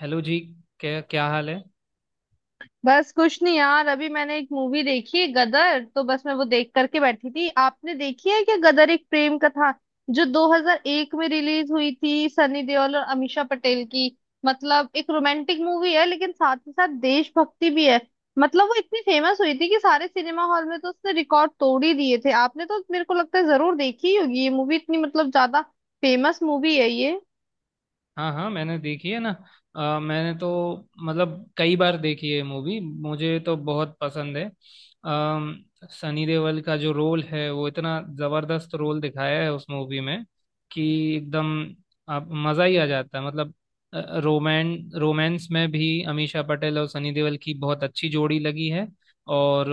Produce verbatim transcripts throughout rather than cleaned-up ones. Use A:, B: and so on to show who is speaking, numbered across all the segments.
A: Hello जी। क्या क्या हाल है।
B: बस कुछ नहीं यार। अभी मैंने एक मूवी देखी गदर, तो बस मैं वो देख करके बैठी थी। आपने देखी है क्या गदर एक प्रेम कथा, जो दो हज़ार एक में रिलीज हुई थी, सनी देओल और अमीषा पटेल की। मतलब एक रोमांटिक मूवी है, लेकिन साथ ही साथ देशभक्ति भी है। मतलब वो इतनी फेमस हुई थी कि सारे सिनेमा हॉल में तो उसने रिकॉर्ड तोड़ ही दिए थे। आपने तो मेरे को लगता है जरूर देखी ही होगी ये मूवी, इतनी मतलब ज्यादा फेमस मूवी है ये।
A: हाँ हाँ, मैंने देखी है ना। अ, मैंने तो मतलब कई बार देखी है मूवी, मुझे तो बहुत पसंद है। अम, सनी देओल का जो रोल है वो इतना जबरदस्त रोल दिखाया है उस मूवी में कि एकदम आप मजा ही आ जाता है मतलब। रोमैन रोमांस में भी अमीषा पटेल और सनी देओल की बहुत अच्छी जोड़ी लगी है। और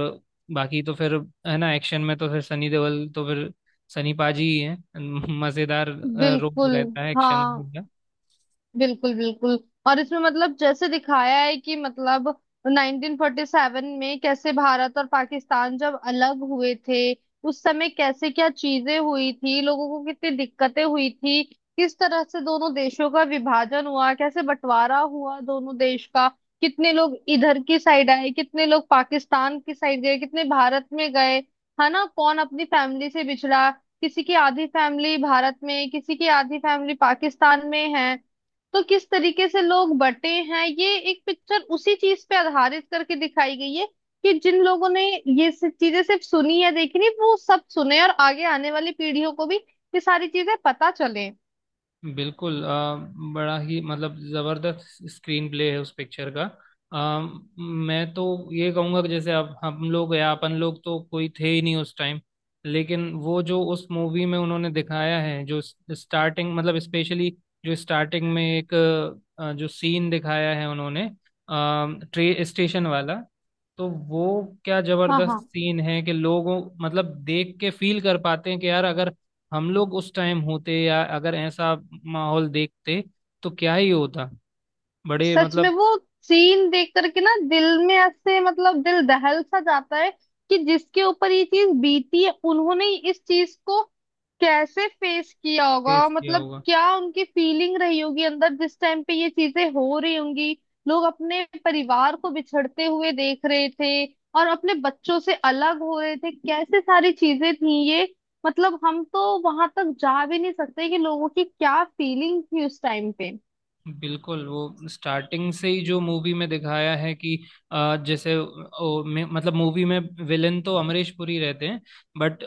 A: बाकी तो फिर, है ना, एक्शन में तो फिर सनी देओल तो फिर सनी पाजी ही है। मजेदार अ, रोल
B: बिल्कुल।
A: रहता है एक्शन
B: हाँ।
A: में।
B: बिल्कुल बिल्कुल। और इसमें मतलब जैसे दिखाया है कि मतलब नाइनटीन फ़ोर्टी सेवन में कैसे भारत और पाकिस्तान जब अलग हुए थे, उस समय कैसे क्या चीजें हुई थी, लोगों को कितनी दिक्कतें हुई थी, किस तरह से दोनों देशों का विभाजन हुआ, कैसे बंटवारा हुआ दोनों देश का, कितने लोग इधर की साइड आए, कितने लोग पाकिस्तान की साइड गए, कितने भारत में गए, है ना। कौन अपनी फैमिली से बिछड़ा, किसी की आधी फैमिली भारत में, किसी की आधी फैमिली पाकिस्तान में है। तो किस तरीके से लोग बटे हैं, ये एक पिक्चर उसी चीज पे आधारित करके दिखाई गई है। कि जिन लोगों ने ये सब चीजें सिर्फ सुनी या देखी नहीं, वो सब सुने और आगे आने वाली पीढ़ियों को भी ये सारी चीजें पता चले।
A: बिल्कुल। अ, बड़ा ही मतलब जबरदस्त स्क्रीन प्ले है उस पिक्चर का। अ, मैं तो ये कहूंगा कि जैसे अब हम लोग या अपन लोग तो कोई थे ही नहीं उस टाइम, लेकिन वो जो उस मूवी में उन्होंने दिखाया है, जो स्टार्टिंग मतलब स्पेशली जो स्टार्टिंग में एक अ, जो सीन दिखाया है उन्होंने, अ, ट्रे स्टेशन वाला, तो वो क्या
B: हाँ
A: जबरदस्त
B: हाँ।
A: सीन है कि लोगों मतलब देख के फील कर पाते हैं कि यार अगर हम लोग उस टाइम होते या अगर ऐसा माहौल देखते तो क्या ही होता। बड़े
B: सच में
A: मतलब
B: वो सीन देख करके ना दिल में ऐसे मतलब दिल दहल सा जाता है कि जिसके ऊपर ये चीज बीती है, उन्होंने इस चीज को कैसे फेस किया होगा,
A: फेस किया
B: मतलब
A: होगा।
B: क्या उनकी फीलिंग रही होगी अंदर जिस टाइम पे ये चीजें हो रही होंगी। लोग अपने परिवार को बिछड़ते हुए देख रहे थे और अपने बच्चों से अलग हो रहे थे, कैसे सारी चीजें थी ये। मतलब हम तो वहां तक जा भी नहीं सकते कि लोगों की क्या फीलिंग थी उस टाइम पे।
A: बिल्कुल, वो स्टार्टिंग से ही जो मूवी में दिखाया है कि अ, जैसे ओ, में, मतलब मूवी में विलेन तो अमरीश पुरी रहते हैं। बट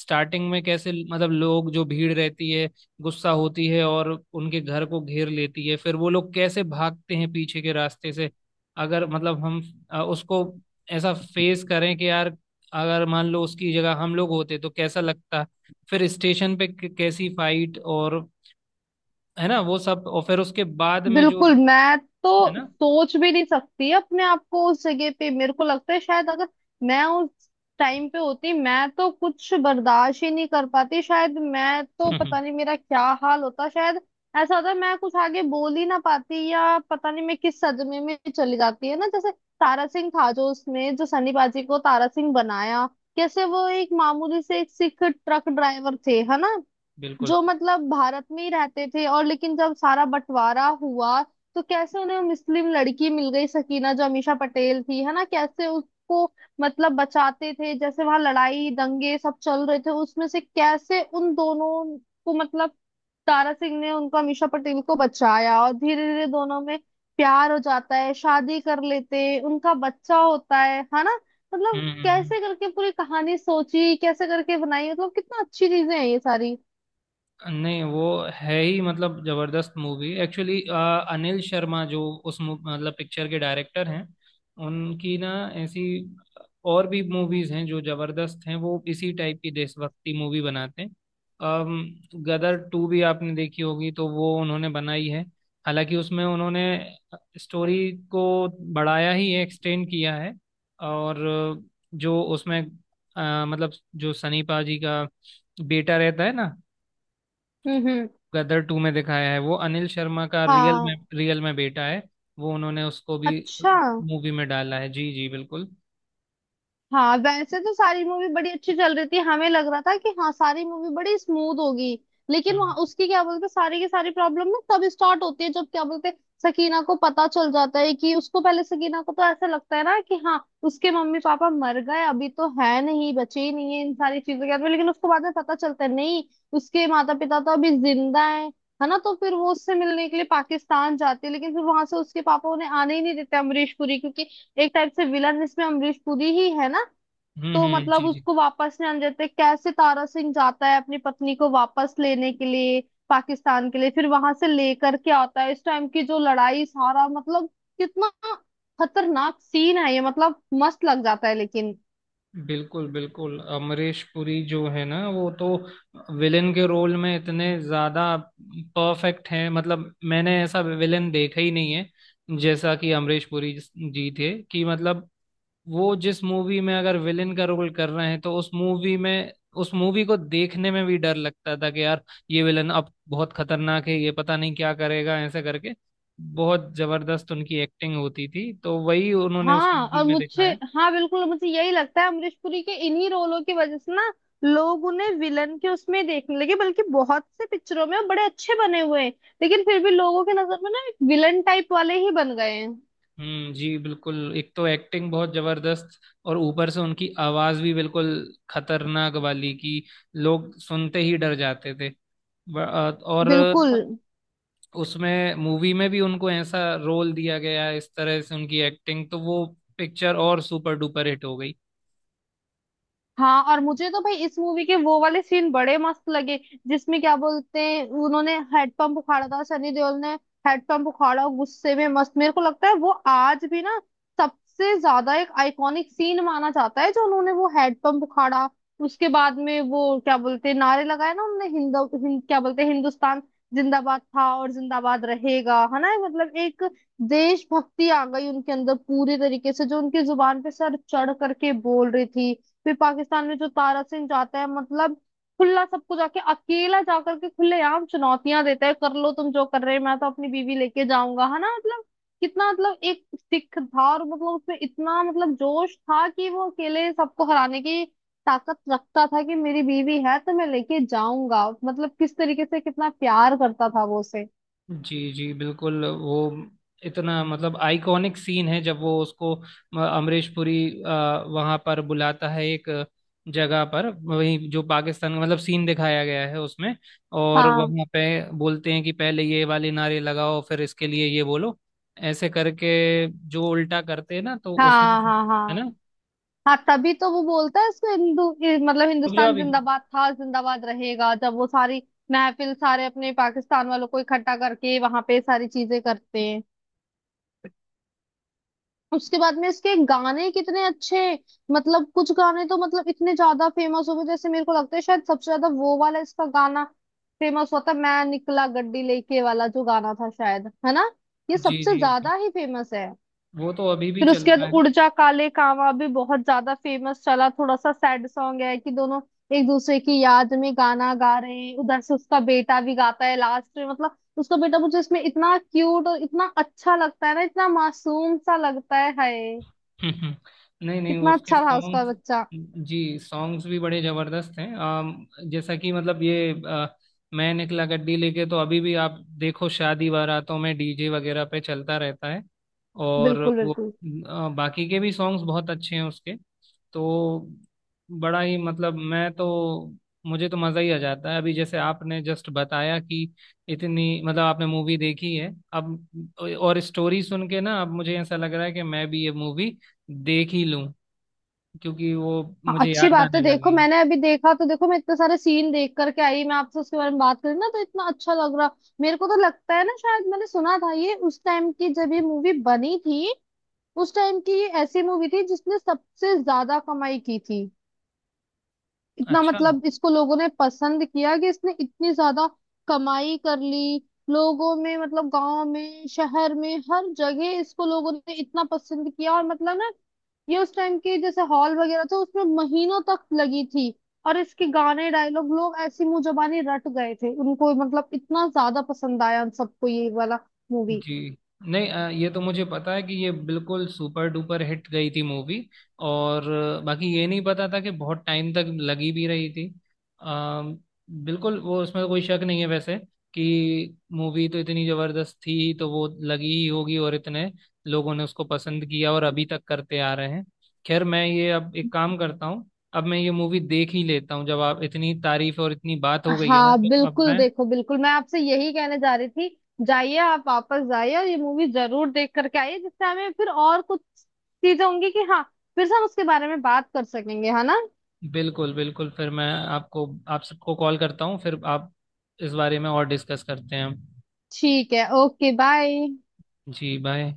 A: स्टार्टिंग में कैसे मतलब लोग जो भीड़ रहती है, गुस्सा होती है और उनके घर को घेर लेती है, फिर वो लोग कैसे भागते हैं पीछे के रास्ते से। अगर मतलब हम अ, उसको ऐसा फेस करें कि यार, अगर मान लो उसकी जगह हम लोग होते तो कैसा लगता। फिर स्टेशन पे क- कैसी फाइट और, है ना, वो सब, और फिर उसके बाद में जो,
B: बिल्कुल, मैं तो
A: है ना।
B: सोच भी नहीं सकती अपने आप को उस जगह पे। मेरे को लगता है शायद अगर मैं उस टाइम पे होती, मैं तो कुछ बर्दाश्त ही नहीं कर पाती शायद। मैं तो पता नहीं मेरा क्या हाल होता, शायद ऐसा होता मैं कुछ आगे बोल ही ना पाती, या पता नहीं मैं किस सदमे में चली जाती। है ना, जैसे तारा सिंह था जो उसमें, जो सनी पाजी को तारा सिंह बनाया, कैसे वो एक मामूली से एक सिख ट्रक ड्राइवर थे, है ना।
A: बिल्कुल।
B: जो मतलब भारत में ही रहते थे, और लेकिन जब सारा बंटवारा हुआ तो कैसे उन्हें मुस्लिम लड़की मिल गई सकीना, जो अमीषा पटेल थी, है ना। कैसे उसको मतलब बचाते थे, जैसे वहां लड़ाई दंगे सब चल रहे थे, उसमें से कैसे उन दोनों को मतलब तारा सिंह ने उनको अमीषा पटेल को बचाया, और धीरे धीरे दोनों में प्यार हो जाता है, शादी कर लेते हैं, उनका बच्चा होता है है ना। मतलब
A: हम्म हम्म हम्म।
B: कैसे करके पूरी कहानी सोची, कैसे करके बनाई, मतलब कितना अच्छी चीजें हैं ये सारी।
A: नहीं, वो है ही मतलब जबरदस्त मूवी एक्चुअली। अनिल शर्मा जो उस मू- मतलब पिक्चर के डायरेक्टर हैं, उनकी ना ऐसी और भी मूवीज हैं जो जबरदस्त हैं, वो इसी टाइप की देशभक्ति मूवी बनाते हैं। अम, गदर टू भी आपने देखी होगी, तो वो उन्होंने बनाई है। हालांकि उसमें उन्होंने स्टोरी को बढ़ाया ही है, एक्सटेंड किया है। और जो उसमें अ, मतलब जो सनी पाजी का बेटा रहता है ना
B: हम्म हम्म।
A: गदर टू में दिखाया है, वो अनिल शर्मा का रियल
B: हाँ।
A: में रियल में बेटा है। वो उन्होंने उसको भी
B: अच्छा।
A: मूवी में डाला है। जी जी बिल्कुल।
B: हाँ, वैसे तो सारी मूवी बड़ी अच्छी चल रही थी, हमें लग रहा था कि हाँ सारी मूवी बड़ी स्मूथ होगी, लेकिन
A: हम्म
B: वहाँ उसकी क्या बोलते सारी की सारी प्रॉब्लम ना तब स्टार्ट होती है जब क्या बोलते सकीना को पता चल जाता है कि उसको, पहले सकीना को तो ऐसा लगता है ना कि हाँ उसके मम्मी पापा मर गए, अभी तो है नहीं, बचे ही नहीं है इन सारी चीजों के हाथ में। लेकिन उसको बाद में पता चलता है, नहीं, उसके माता पिता तो अभी जिंदा है है ना। तो फिर वो उससे मिलने के लिए पाकिस्तान जाती है, लेकिन फिर वहां से उसके पापा उन्हें आने ही नहीं देते अमरीश पुरी, क्योंकि एक टाइप से विलन इसमें अमरीश पुरी ही है ना।
A: हम्म
B: तो
A: हम्म,
B: मतलब
A: जी जी।
B: उसको वापस नहीं आने देते, कैसे तारा सिंह जाता है अपनी पत्नी को वापस लेने के लिए पाकिस्तान के लिए, फिर वहां से लेकर के आता है। इस टाइम की जो लड़ाई, सारा मतलब कितना खतरनाक सीन है ये, मतलब मस्त लग जाता है। लेकिन
A: बिल्कुल बिल्कुल, अमरीश पुरी जो है ना वो तो विलेन के रोल में इतने ज्यादा परफेक्ट हैं। मतलब मैंने ऐसा विलेन देखा ही नहीं है जैसा कि अमरीश पुरी जी थे कि मतलब वो जिस मूवी में अगर विलेन का रोल कर रहे हैं तो उस मूवी में, उस मूवी को देखने में भी डर लगता था कि यार ये विलन अब बहुत खतरनाक है, ये पता नहीं क्या करेगा, ऐसे करके बहुत जबरदस्त उनकी एक्टिंग होती थी, तो वही उन्होंने उस
B: हाँ,
A: मूवी
B: और
A: में
B: मुझे
A: दिखाया।
B: हाँ बिल्कुल, मुझे यही लगता है अमरीश पुरी के इन्हीं रोलों की वजह से ना लोग उन्हें विलन के उसमें देखने लगे। बल्कि बहुत से पिक्चरों में वो बड़े अच्छे बने हुए हैं, लेकिन फिर भी लोगों के नजर में ना एक विलन टाइप वाले ही बन गए हैं।
A: हम्म जी बिल्कुल। एक तो एक्टिंग बहुत जबरदस्त, और ऊपर से उनकी आवाज भी बिल्कुल खतरनाक वाली कि लोग सुनते ही डर जाते थे। ब- और
B: बिल्कुल।
A: उसमें मूवी में भी उनको ऐसा रोल दिया गया है, इस तरह से उनकी एक्टिंग, तो वो पिक्चर और सुपर डुपर हिट हो गई।
B: हाँ और मुझे तो भाई इस मूवी के वो वाले सीन बड़े मस्त लगे, जिसमें क्या बोलते हैं उन्होंने हेडपम्प उखाड़ा था सनी देओल ने। हेडपम्प उखाड़ा गुस्से में, मस्त। मेरे को लगता है वो आज भी ना सबसे ज्यादा एक आइकॉनिक सीन माना जाता है, जो उन्होंने वो हेडपम्प उखाड़ा। उसके बाद में वो क्या बोलते हैं, नारे लगाए ना उन्होंने, हिंद, हिंद क्या बोलते हैं, हिंदुस्तान जिंदाबाद था और जिंदाबाद रहेगा, है ना। मतलब एक देशभक्ति आ गई उनके अंदर पूरी तरीके से, जो उनकी जुबान पे सर चढ़ करके बोल रही थी। फिर पाकिस्तान में जो तारा सिंह जाता है, मतलब खुला सबको जाके, अकेला जाकर के खुलेआम चुनौतियां देता है, कर लो तुम जो कर रहे हो, मैं तो अपनी बीवी लेके जाऊंगा, है ना। मतलब कितना मतलब एक सिख था, और मतलब उसमें इतना मतलब जोश था कि वो अकेले सबको हराने की ताकत रखता था कि मेरी बीवी है तो मैं लेके जाऊंगा। मतलब किस तरीके से कितना प्यार करता था वो उसे।
A: जी जी बिल्कुल, वो इतना मतलब आइकॉनिक सीन है जब वो उसको, अ, अमरीश पुरी वहां पर बुलाता है एक जगह पर, वही जो पाकिस्तान का मतलब सीन दिखाया गया है उसमें, और
B: हाँ
A: वहां पे बोलते हैं कि पहले ये वाले नारे लगाओ फिर इसके लिए ये बोलो, ऐसे करके जो उल्टा करते हैं ना तो उसमें,
B: हाँ हाँ। हाँ,
A: है ना,
B: हाँ तभी तो वो बोलता है इसको, हिंदू ये मतलब
A: रुक जाओ
B: हिंदुस्तान
A: अभी।
B: जिंदाबाद था जिंदाबाद रहेगा, जब वो सारी महफिल सारे अपने पाकिस्तान वालों को इकट्ठा करके वहां पे सारी चीजें करते हैं। उसके बाद में इसके गाने कितने अच्छे, मतलब कुछ गाने तो मतलब इतने ज्यादा फेमस हो गए, जैसे मेरे को लगता है शायद सबसे ज्यादा वो वाला इसका गाना फेमस होता है, मैं निकला गड्डी लेके वाला जो गाना था, शायद है ना ये
A: जी
B: सबसे
A: जी जी,
B: ज्यादा ही फेमस है।
A: वो तो अभी भी
B: फिर
A: चल
B: उसके बाद
A: रहा
B: उड़
A: है।
B: जा काले कावां भी बहुत ज्यादा फेमस चला, थोड़ा सा सैड सॉन्ग है कि दोनों एक दूसरे की याद में गाना गा रहे हैं, उधर से उसका बेटा भी गाता है लास्ट में। मतलब उसका बेटा मुझे इसमें इतना क्यूट और इतना अच्छा लगता है ना, इतना मासूम सा लगता है, हाय
A: हम्म, हम्म। नहीं नहीं,
B: कितना
A: उसके
B: अच्छा था उसका
A: सॉन्ग्स,
B: बच्चा।
A: जी, सॉन्ग्स भी बड़े जबरदस्त हैं। आम, जैसा कि मतलब ये अ, मैं निकला गड्डी लेके, तो अभी भी आप देखो शादी बारातों में डीजे वगैरह पे चलता रहता है। और
B: बिल्कुल
A: वो
B: बिल्कुल।
A: अ, बाकी के भी सॉन्ग्स बहुत अच्छे हैं उसके। तो बड़ा ही मतलब, मैं तो, मुझे तो मज़ा ही आ जाता है। अभी जैसे आपने जस्ट बताया कि इतनी मतलब आपने मूवी देखी है अब, और स्टोरी सुन के ना अब मुझे ऐसा लग रहा है कि मैं भी ये मूवी देख ही लूं, क्योंकि वो
B: हाँ
A: मुझे
B: अच्छी
A: याद
B: बात है।
A: आने
B: देखो
A: लगी।
B: मैंने अभी देखा, तो देखो मैं इतने सारे सीन देख करके आई, मैं आपसे उसके बारे में बात करी ना तो इतना अच्छा लग रहा। मेरे को तो लगता है ना शायद मैंने सुना था ये उस टाइम की, जब ये मूवी बनी थी उस टाइम की ये ऐसी मूवी थी जिसने सबसे ज्यादा कमाई की थी। इतना
A: अच्छा
B: मतलब इसको लोगों ने पसंद किया कि इसने इतनी ज्यादा कमाई कर ली। लोगों में मतलब गांव में शहर में हर जगह इसको लोगों ने इतना पसंद किया, और मतलब ना ये उस टाइम के जैसे हॉल वगैरह थे उसमें महीनों तक लगी थी। और इसके गाने डायलॉग लोग ऐसी मुंह जबानी रट गए थे उनको, मतलब इतना ज्यादा पसंद आया उन सबको ये वाला मूवी।
A: जी। नहीं अ, ये तो मुझे पता है कि ये बिल्कुल सुपर डुपर हिट गई थी मूवी, और अ, बाकी ये नहीं पता था कि बहुत टाइम तक लगी भी रही थी। अ, बिल्कुल, वो उसमें तो कोई शक नहीं है वैसे, कि मूवी तो इतनी जबरदस्त थी तो वो लगी ही होगी, और इतने लोगों ने उसको पसंद किया और अभी तक करते आ रहे हैं। खैर, मैं ये अब एक काम करता हूँ, अब मैं ये मूवी देख ही लेता हूँ। जब आप इतनी तारीफ और इतनी बात हो गई है ना
B: हाँ
A: तो अब
B: बिल्कुल
A: मैं,
B: देखो, बिल्कुल मैं आपसे यही कहने जा रही थी, जाइए आप वापस जाइए और ये मूवी जरूर देख करके आइए, जिससे हमें फिर और कुछ चीजें होंगी कि हाँ फिर से हम उसके बारे में बात कर सकेंगे, है ना।
A: बिल्कुल बिल्कुल, फिर मैं आपको, आप सबको कॉल करता हूँ, फिर आप इस बारे में और डिस्कस करते हैं।
B: ठीक है, ओके बाय।
A: जी बाय।